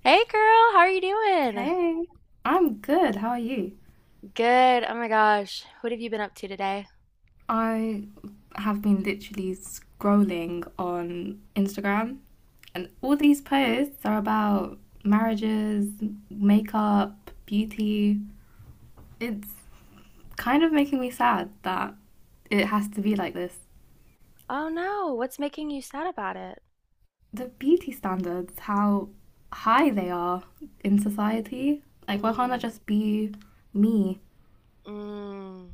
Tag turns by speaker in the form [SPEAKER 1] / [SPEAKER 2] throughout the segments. [SPEAKER 1] Hey girl, how are you doing?
[SPEAKER 2] Hey, I'm good. How are you?
[SPEAKER 1] Good. Oh my gosh. What have you been up to today?
[SPEAKER 2] I have been literally scrolling on Instagram, and all these posts are about marriages, makeup, beauty. It's kind of making me sad that it has to be like this.
[SPEAKER 1] Oh no, what's making you sad about it?
[SPEAKER 2] The beauty standards, how high they are in society. Like, why can't I
[SPEAKER 1] Mm,
[SPEAKER 2] just be me?
[SPEAKER 1] mm.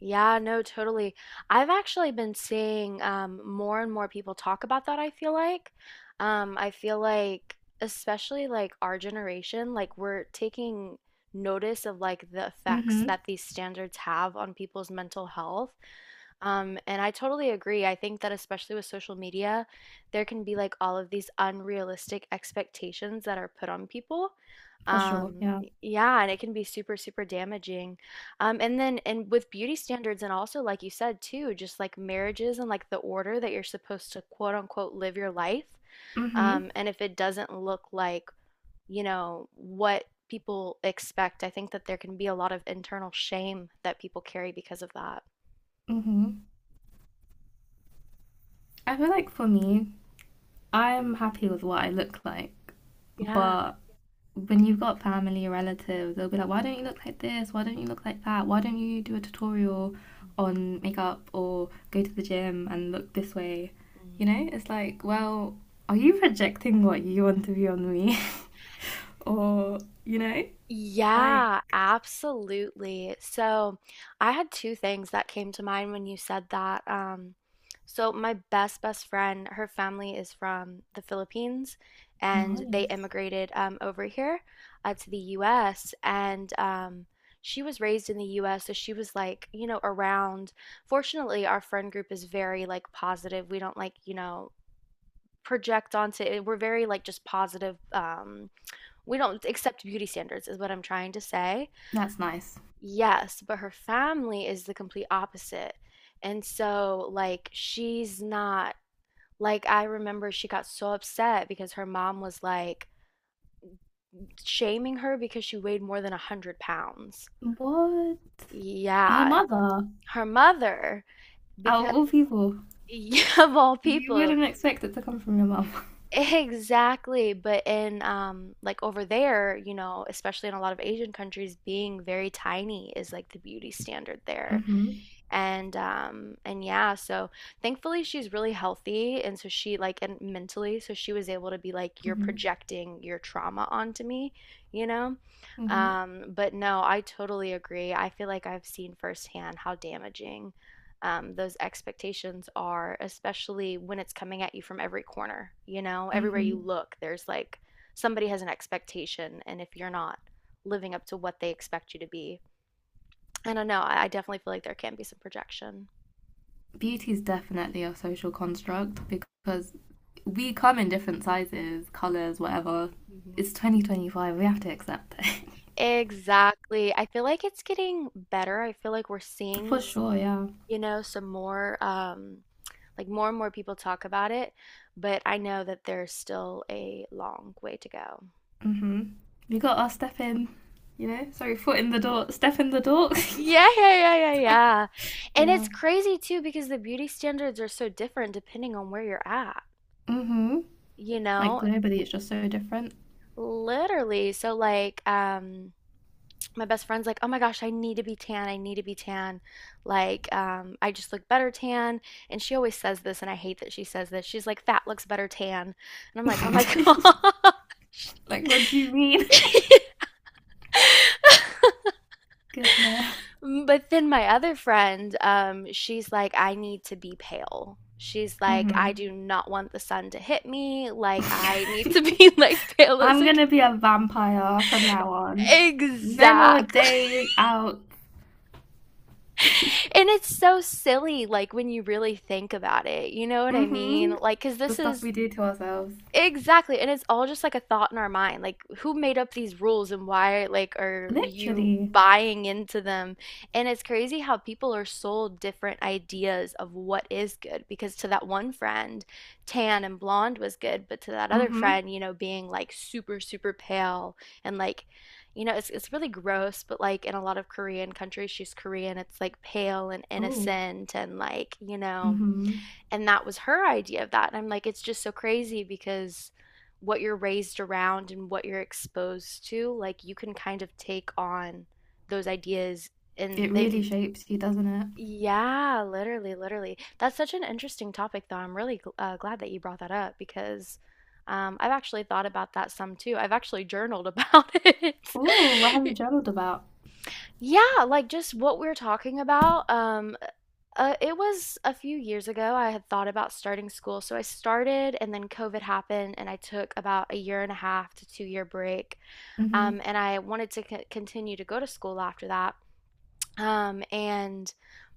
[SPEAKER 1] Yeah, no, totally. I've actually been seeing more and more people talk about that, I feel like. I feel like, especially like our generation, like we're taking notice of like the effects
[SPEAKER 2] Mm-hmm.
[SPEAKER 1] that these standards have on people's mental health. And I totally agree. I think that especially with social media, there can be like all of these unrealistic expectations that are put on people.
[SPEAKER 2] For sure, yeah.
[SPEAKER 1] Yeah, and it can be super, super damaging. And then and with beauty standards and also like you said too, just like marriages and like the order that you're supposed to quote unquote live your life.
[SPEAKER 2] Mm-hmm.
[SPEAKER 1] And if it doesn't look like, you know, what people expect, I think that there can be a lot of internal shame that people carry because of that.
[SPEAKER 2] Mm-hmm. I feel like for me, I'm happy with what I look like,
[SPEAKER 1] Yeah.
[SPEAKER 2] but when you've got family or relatives, they'll be like, why don't you look like this? Why don't you look like that? Why don't you do a tutorial on makeup or go to the gym and look this way? You
[SPEAKER 1] Mhm.
[SPEAKER 2] know, it's like, well, are you projecting what you want to be on me? Or, you know, like,
[SPEAKER 1] Yeah, absolutely. So I had two things that came to mind when you said that. So my best friend, her family is from the Philippines, and they
[SPEAKER 2] nice.
[SPEAKER 1] immigrated over here to the U.S. And she was raised in the U.S., so she was like, you know, around. Fortunately, our friend group is very like positive. We don't like, you know, project onto it. We're very like just positive. We don't accept beauty standards, is what I'm trying to say.
[SPEAKER 2] That's nice.
[SPEAKER 1] Yes, but her family is the complete opposite. And so, like, she's not, like, I remember she got so upset because her mom was like shaming her because she weighed more than 100 pounds.
[SPEAKER 2] What? Her
[SPEAKER 1] Yeah,
[SPEAKER 2] mother,
[SPEAKER 1] her mother,
[SPEAKER 2] out
[SPEAKER 1] because
[SPEAKER 2] of all people,
[SPEAKER 1] of all
[SPEAKER 2] you
[SPEAKER 1] people,
[SPEAKER 2] wouldn't expect it to come from your mum.
[SPEAKER 1] exactly. But in, like, over there, you know, especially in a lot of Asian countries, being very tiny is like the beauty standard there.
[SPEAKER 2] Hmm.
[SPEAKER 1] And yeah, so thankfully she's really healthy and so she like and mentally so she was able to be like you're
[SPEAKER 2] Hmm.
[SPEAKER 1] projecting your trauma onto me, you know?
[SPEAKER 2] Hmm.
[SPEAKER 1] But no, I totally agree. I feel like I've seen firsthand how damaging those expectations are, especially when it's coming at you from every corner. You know, everywhere you
[SPEAKER 2] Hmm.
[SPEAKER 1] look, there's like somebody has an expectation, and if you're not living up to what they expect you to be, I don't know. I definitely feel like there can be some projection.
[SPEAKER 2] Beauty is definitely a social construct because we come in different sizes, colors, whatever.
[SPEAKER 1] Mhm.
[SPEAKER 2] It's 2025. We have to accept it.
[SPEAKER 1] Exactly. I feel like it's getting better. I feel like we're seeing,
[SPEAKER 2] For
[SPEAKER 1] s-
[SPEAKER 2] sure, yeah.
[SPEAKER 1] you know, some more, like more and more people talk about it, but I know that there's still a long way to go.
[SPEAKER 2] Hmm. We got our step in, you know? Sorry, foot in the door, step in the door.
[SPEAKER 1] Yeah, yeah, yeah, yeah, yeah. And it's
[SPEAKER 2] Yeah.
[SPEAKER 1] crazy too because the beauty standards are so different depending on where you're at,
[SPEAKER 2] Hmm.
[SPEAKER 1] you
[SPEAKER 2] Like
[SPEAKER 1] know,
[SPEAKER 2] globally, it's just so different.
[SPEAKER 1] literally. So like, my best friend's like, "Oh my gosh, I need to be tan. I need to be tan. Like, I just look better tan." And she always says this, and I hate that she says this. She's like, "Fat looks better tan," and I'm like, "Oh my gosh."
[SPEAKER 2] Like, what do you mean? Goodness.
[SPEAKER 1] But then my other friend, she's like, I need to be pale. She's like, I
[SPEAKER 2] Hmm.
[SPEAKER 1] do not want the sun to hit me. Like, I need to be like pale as
[SPEAKER 2] I'm
[SPEAKER 1] like
[SPEAKER 2] gonna be a vampire from now on. No more
[SPEAKER 1] exactly.
[SPEAKER 2] day out.
[SPEAKER 1] And it's so silly, like, when you really think about it, you know what I mean?
[SPEAKER 2] Mm-hmm.
[SPEAKER 1] Like, cause
[SPEAKER 2] The
[SPEAKER 1] this
[SPEAKER 2] stuff
[SPEAKER 1] is
[SPEAKER 2] we do to ourselves.
[SPEAKER 1] exactly, and it's all just like a thought in our mind. Like, who made up these rules and why, like, are you
[SPEAKER 2] Literally.
[SPEAKER 1] buying into them? And it's crazy how people are sold different ideas of what is good because to that one friend, tan and blonde was good, but to that other
[SPEAKER 2] Mm-hmm.
[SPEAKER 1] friend, you know, being like super, super pale and like, you know, it's really gross, but like in a lot of Korean countries, she's Korean, it's like pale and
[SPEAKER 2] Oh.
[SPEAKER 1] innocent and like, you know,
[SPEAKER 2] Mm-hmm.
[SPEAKER 1] and that was her idea of that. And I'm like, it's just so crazy because what you're raised around and what you're exposed to, like you can kind of take on those ideas and
[SPEAKER 2] It really
[SPEAKER 1] they,
[SPEAKER 2] shapes you, doesn't it?
[SPEAKER 1] yeah, literally, literally. That's such an interesting topic, though. I'm really glad that you brought that up because I've actually thought about that some too. I've actually journaled about
[SPEAKER 2] Ooh, what have you
[SPEAKER 1] it.
[SPEAKER 2] journaled about?
[SPEAKER 1] Yeah, like just what we're talking about. It was a few years ago. I had thought about starting school. So I started, and then COVID happened, and I took about a year and a half to two year break.
[SPEAKER 2] Mm-hmm.
[SPEAKER 1] And I wanted to continue to go to school after that. And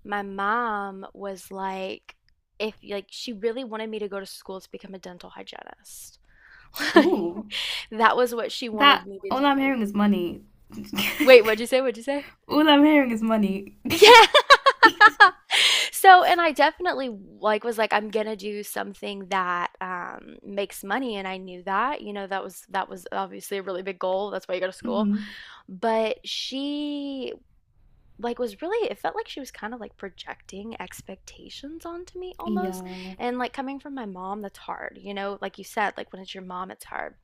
[SPEAKER 1] my mom was like, if like she really wanted me to go to school to become a dental hygienist.
[SPEAKER 2] Ooh.
[SPEAKER 1] That was what she wanted
[SPEAKER 2] That
[SPEAKER 1] me to
[SPEAKER 2] All I'm
[SPEAKER 1] do.
[SPEAKER 2] hearing is money.
[SPEAKER 1] Wait, what'd you say? What'd you say?
[SPEAKER 2] All I'm hearing is money.
[SPEAKER 1] Yeah. So, and I definitely like was like, I'm gonna do something that makes money, and I knew that, you know, that was obviously a really big goal. That's why you go to school.
[SPEAKER 2] Mm-hmm.
[SPEAKER 1] But she like was really, it felt like she was kind of like projecting expectations onto me almost.
[SPEAKER 2] Yeah.
[SPEAKER 1] And like coming from my mom, that's hard, you know, like you said, like when it's your mom, it's hard.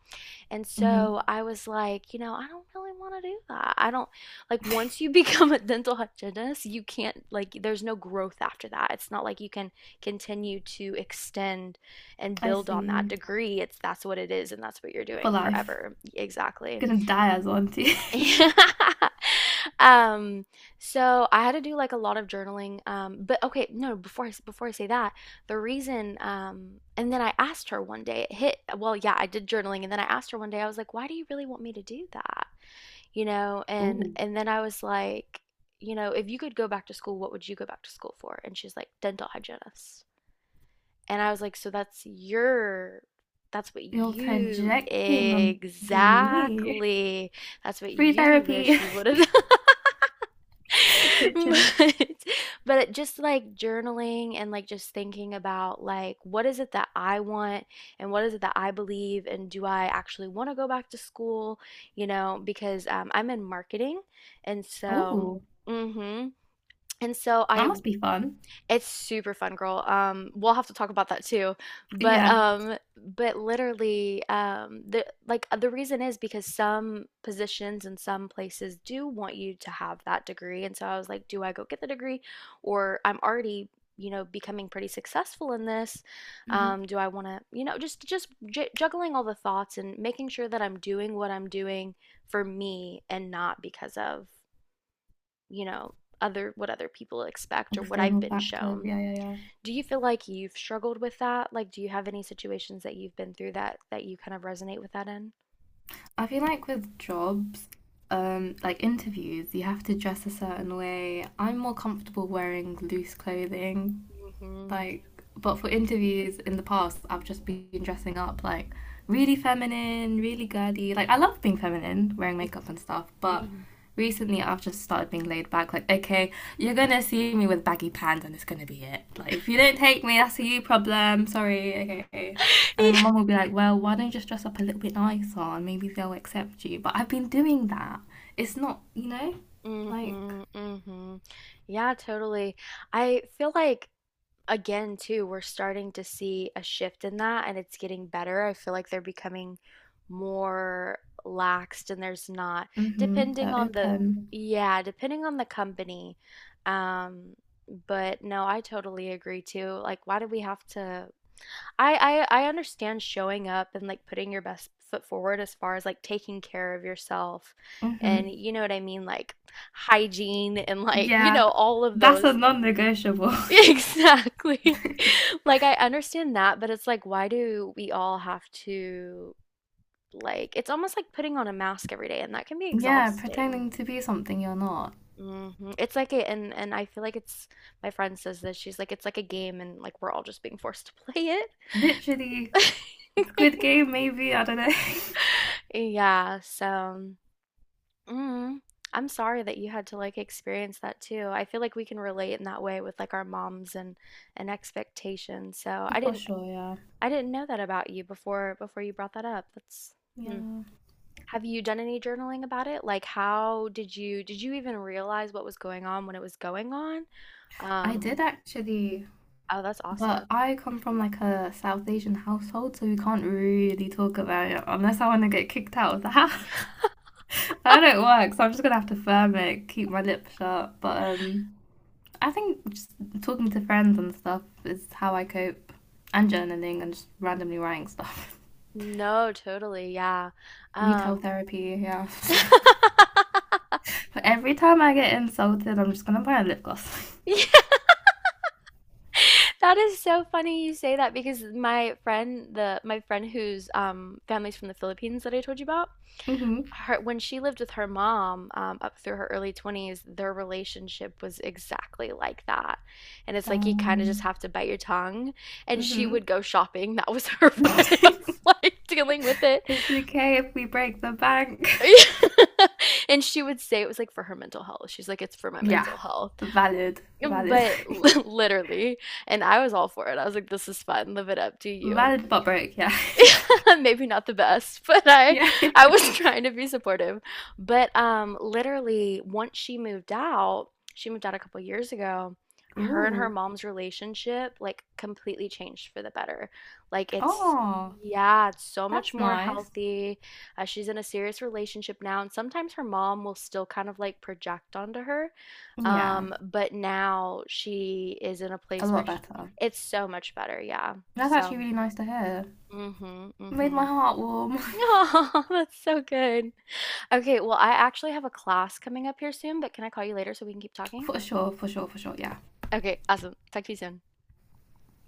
[SPEAKER 1] And
[SPEAKER 2] Mm-hmm.
[SPEAKER 1] so I was like, you know, I don't really want to do that. I don't like once you become a dental hygienist, you can't like there's no growth after that. It's not like you can continue to extend and
[SPEAKER 2] I
[SPEAKER 1] build on that
[SPEAKER 2] see.
[SPEAKER 1] degree. It's that's what it is and that's what you're
[SPEAKER 2] For
[SPEAKER 1] doing
[SPEAKER 2] life.
[SPEAKER 1] forever. Exactly.
[SPEAKER 2] You're gonna die as auntie.
[SPEAKER 1] Um, so I had to do like a lot of journaling. But okay, no, before I say that, the reason, and then I asked her one day, it hit, well, yeah, I did journaling, and then I asked her one day, I was like, why do you really want me to do that? You know, and
[SPEAKER 2] Ooh.
[SPEAKER 1] and then I was like, you know, if you could go back to school, what would you go back to school for? And she's like, dental hygienist. And I was like, so that's your, that's what
[SPEAKER 2] You're
[SPEAKER 1] you
[SPEAKER 2] projecting onto me.
[SPEAKER 1] exactly, that's what
[SPEAKER 2] Free
[SPEAKER 1] you wish
[SPEAKER 2] therapy,
[SPEAKER 1] you would have done.
[SPEAKER 2] literally.
[SPEAKER 1] But, but just like journaling and like just thinking about like what is it that I want and what is it that I believe and do I actually want to go back to school, you know, because I'm in marketing and so,
[SPEAKER 2] Oh,
[SPEAKER 1] mm-hmm. And so
[SPEAKER 2] that
[SPEAKER 1] I
[SPEAKER 2] must be fun.
[SPEAKER 1] it's super fun, girl. We'll have to talk about that too. But
[SPEAKER 2] Yeah.
[SPEAKER 1] um, but literally, the like the reason is because some positions and some places do want you to have that degree. And so I was like, do I go get the degree, or I'm already, you know, becoming pretty successful in this?
[SPEAKER 2] Hmm.
[SPEAKER 1] Do I want to, you know, just j juggling all the thoughts and making sure that I'm doing what I'm doing for me and not because of, you know, other what other people expect or what I've
[SPEAKER 2] External
[SPEAKER 1] been
[SPEAKER 2] factors,
[SPEAKER 1] shown.
[SPEAKER 2] yeah, yeah, yeah.
[SPEAKER 1] Do you feel like you've struggled with that? Like, do you have any situations that you've been through that you kind of resonate with that in?
[SPEAKER 2] I feel like with jobs, like interviews, you have to dress a certain way. I'm more comfortable wearing loose clothing.
[SPEAKER 1] Mm-hmm.
[SPEAKER 2] Like, but for interviews in the past I've just been dressing up like really feminine, really girly. Like I love being feminine, wearing makeup and stuff, but
[SPEAKER 1] Mm-hmm.
[SPEAKER 2] recently I've just started being laid back. Like, okay, you're gonna see me with baggy pants and it's gonna be it. Like if you don't take me, that's a you problem. Sorry, okay. And then my
[SPEAKER 1] Yeah.
[SPEAKER 2] mum will be like, well, why don't you just dress up a little bit nicer and maybe they'll accept you. But I've been doing that. It's not, like,
[SPEAKER 1] Mm-hmm. Mm-hmm. Yeah, totally. I feel like again too, we're starting to see a shift in that and it's getting better. I feel like they're becoming more laxed and there's not
[SPEAKER 2] mm-hmm,
[SPEAKER 1] depending
[SPEAKER 2] they're
[SPEAKER 1] on the
[SPEAKER 2] open.
[SPEAKER 1] yeah, depending on the company. Um, but no, I totally agree too. Like, why do we have to I understand showing up and like putting your best foot forward as far as like taking care of yourself and
[SPEAKER 2] Mm-hmm.
[SPEAKER 1] you know what I mean, like hygiene and like, you
[SPEAKER 2] Yeah,
[SPEAKER 1] know, all of
[SPEAKER 2] that's
[SPEAKER 1] those
[SPEAKER 2] a
[SPEAKER 1] things.
[SPEAKER 2] non negotiable.
[SPEAKER 1] Exactly. Like I understand that, but it's like why do we all have to like it's almost like putting on a mask every day and that can be
[SPEAKER 2] Yeah,
[SPEAKER 1] exhausting.
[SPEAKER 2] pretending to be something you're not.
[SPEAKER 1] Hmm. It's like a, and I feel like it's my friend says this. She's like it's like a game and like we're all just being forced to play
[SPEAKER 2] Literally,
[SPEAKER 1] it.
[SPEAKER 2] Squid Game, maybe, I don't know.
[SPEAKER 1] Yeah, so mm, I'm sorry that you had to like experience that too. I feel like we can relate in that way with like our moms and expectations. So
[SPEAKER 2] For sure, yeah.
[SPEAKER 1] I didn't know that about you before you brought that up. That's hmm.
[SPEAKER 2] Yeah.
[SPEAKER 1] Have you done any journaling about it? Like how did you even realize what was going on when it was going on?
[SPEAKER 2] I
[SPEAKER 1] Um,
[SPEAKER 2] did actually,
[SPEAKER 1] oh, that's awesome.
[SPEAKER 2] but I come from like a South Asian household, so we can't really talk about it unless I want to get kicked out of the house. That don't work, so I'm just gonna have to firm it, keep my lip shut. But I think just talking to friends and stuff is how I cope, and journaling and just randomly writing stuff.
[SPEAKER 1] No, totally. Yeah.
[SPEAKER 2] Retail
[SPEAKER 1] Um
[SPEAKER 2] therapy, yeah. But every time I get insulted, I'm just gonna buy a lip gloss.
[SPEAKER 1] That is so funny you say that because my friend, the my friend whose family's from the Philippines that I told you about,
[SPEAKER 2] Mm-hmm.
[SPEAKER 1] her when she lived with her mom up through her early 20s, their relationship was exactly like that. And it's like you kind of just
[SPEAKER 2] Um,
[SPEAKER 1] have to bite your tongue. And she
[SPEAKER 2] mm-hmm.
[SPEAKER 1] would go shopping. That was her way of like dealing with it.
[SPEAKER 2] It's okay if we break the bank.
[SPEAKER 1] And she would say it was like for her mental health. She's like, it's for my
[SPEAKER 2] Yeah,
[SPEAKER 1] mental health.
[SPEAKER 2] valid, valid,
[SPEAKER 1] But literally, and I was all for it. I was like, this is fun. Live it up. Do you.
[SPEAKER 2] valid but break. Yeah,
[SPEAKER 1] maybe not the best, but
[SPEAKER 2] yeah.
[SPEAKER 1] I was trying to be supportive. But literally once she moved out a couple years ago, her and her
[SPEAKER 2] Ooh,
[SPEAKER 1] mom's relationship like completely changed for the better. Like it's
[SPEAKER 2] oh,
[SPEAKER 1] yeah, it's so much
[SPEAKER 2] that's
[SPEAKER 1] more
[SPEAKER 2] nice.
[SPEAKER 1] healthy. She's in a serious relationship now, and sometimes her mom will still kind of like project onto her.
[SPEAKER 2] Yeah,
[SPEAKER 1] But now she is in a
[SPEAKER 2] a
[SPEAKER 1] place where
[SPEAKER 2] lot
[SPEAKER 1] sh
[SPEAKER 2] better.
[SPEAKER 1] it's so much better, yeah.
[SPEAKER 2] That's
[SPEAKER 1] So,
[SPEAKER 2] actually really nice to hear.
[SPEAKER 1] mm-hmm,
[SPEAKER 2] Made my
[SPEAKER 1] mm-hmm.
[SPEAKER 2] heart warm.
[SPEAKER 1] Oh, that's so good. Okay, well, I actually have a class coming up here soon, but can I call you later so we can keep talking?
[SPEAKER 2] For sure, for sure, for sure. Yeah.
[SPEAKER 1] Okay, awesome. Talk to you soon.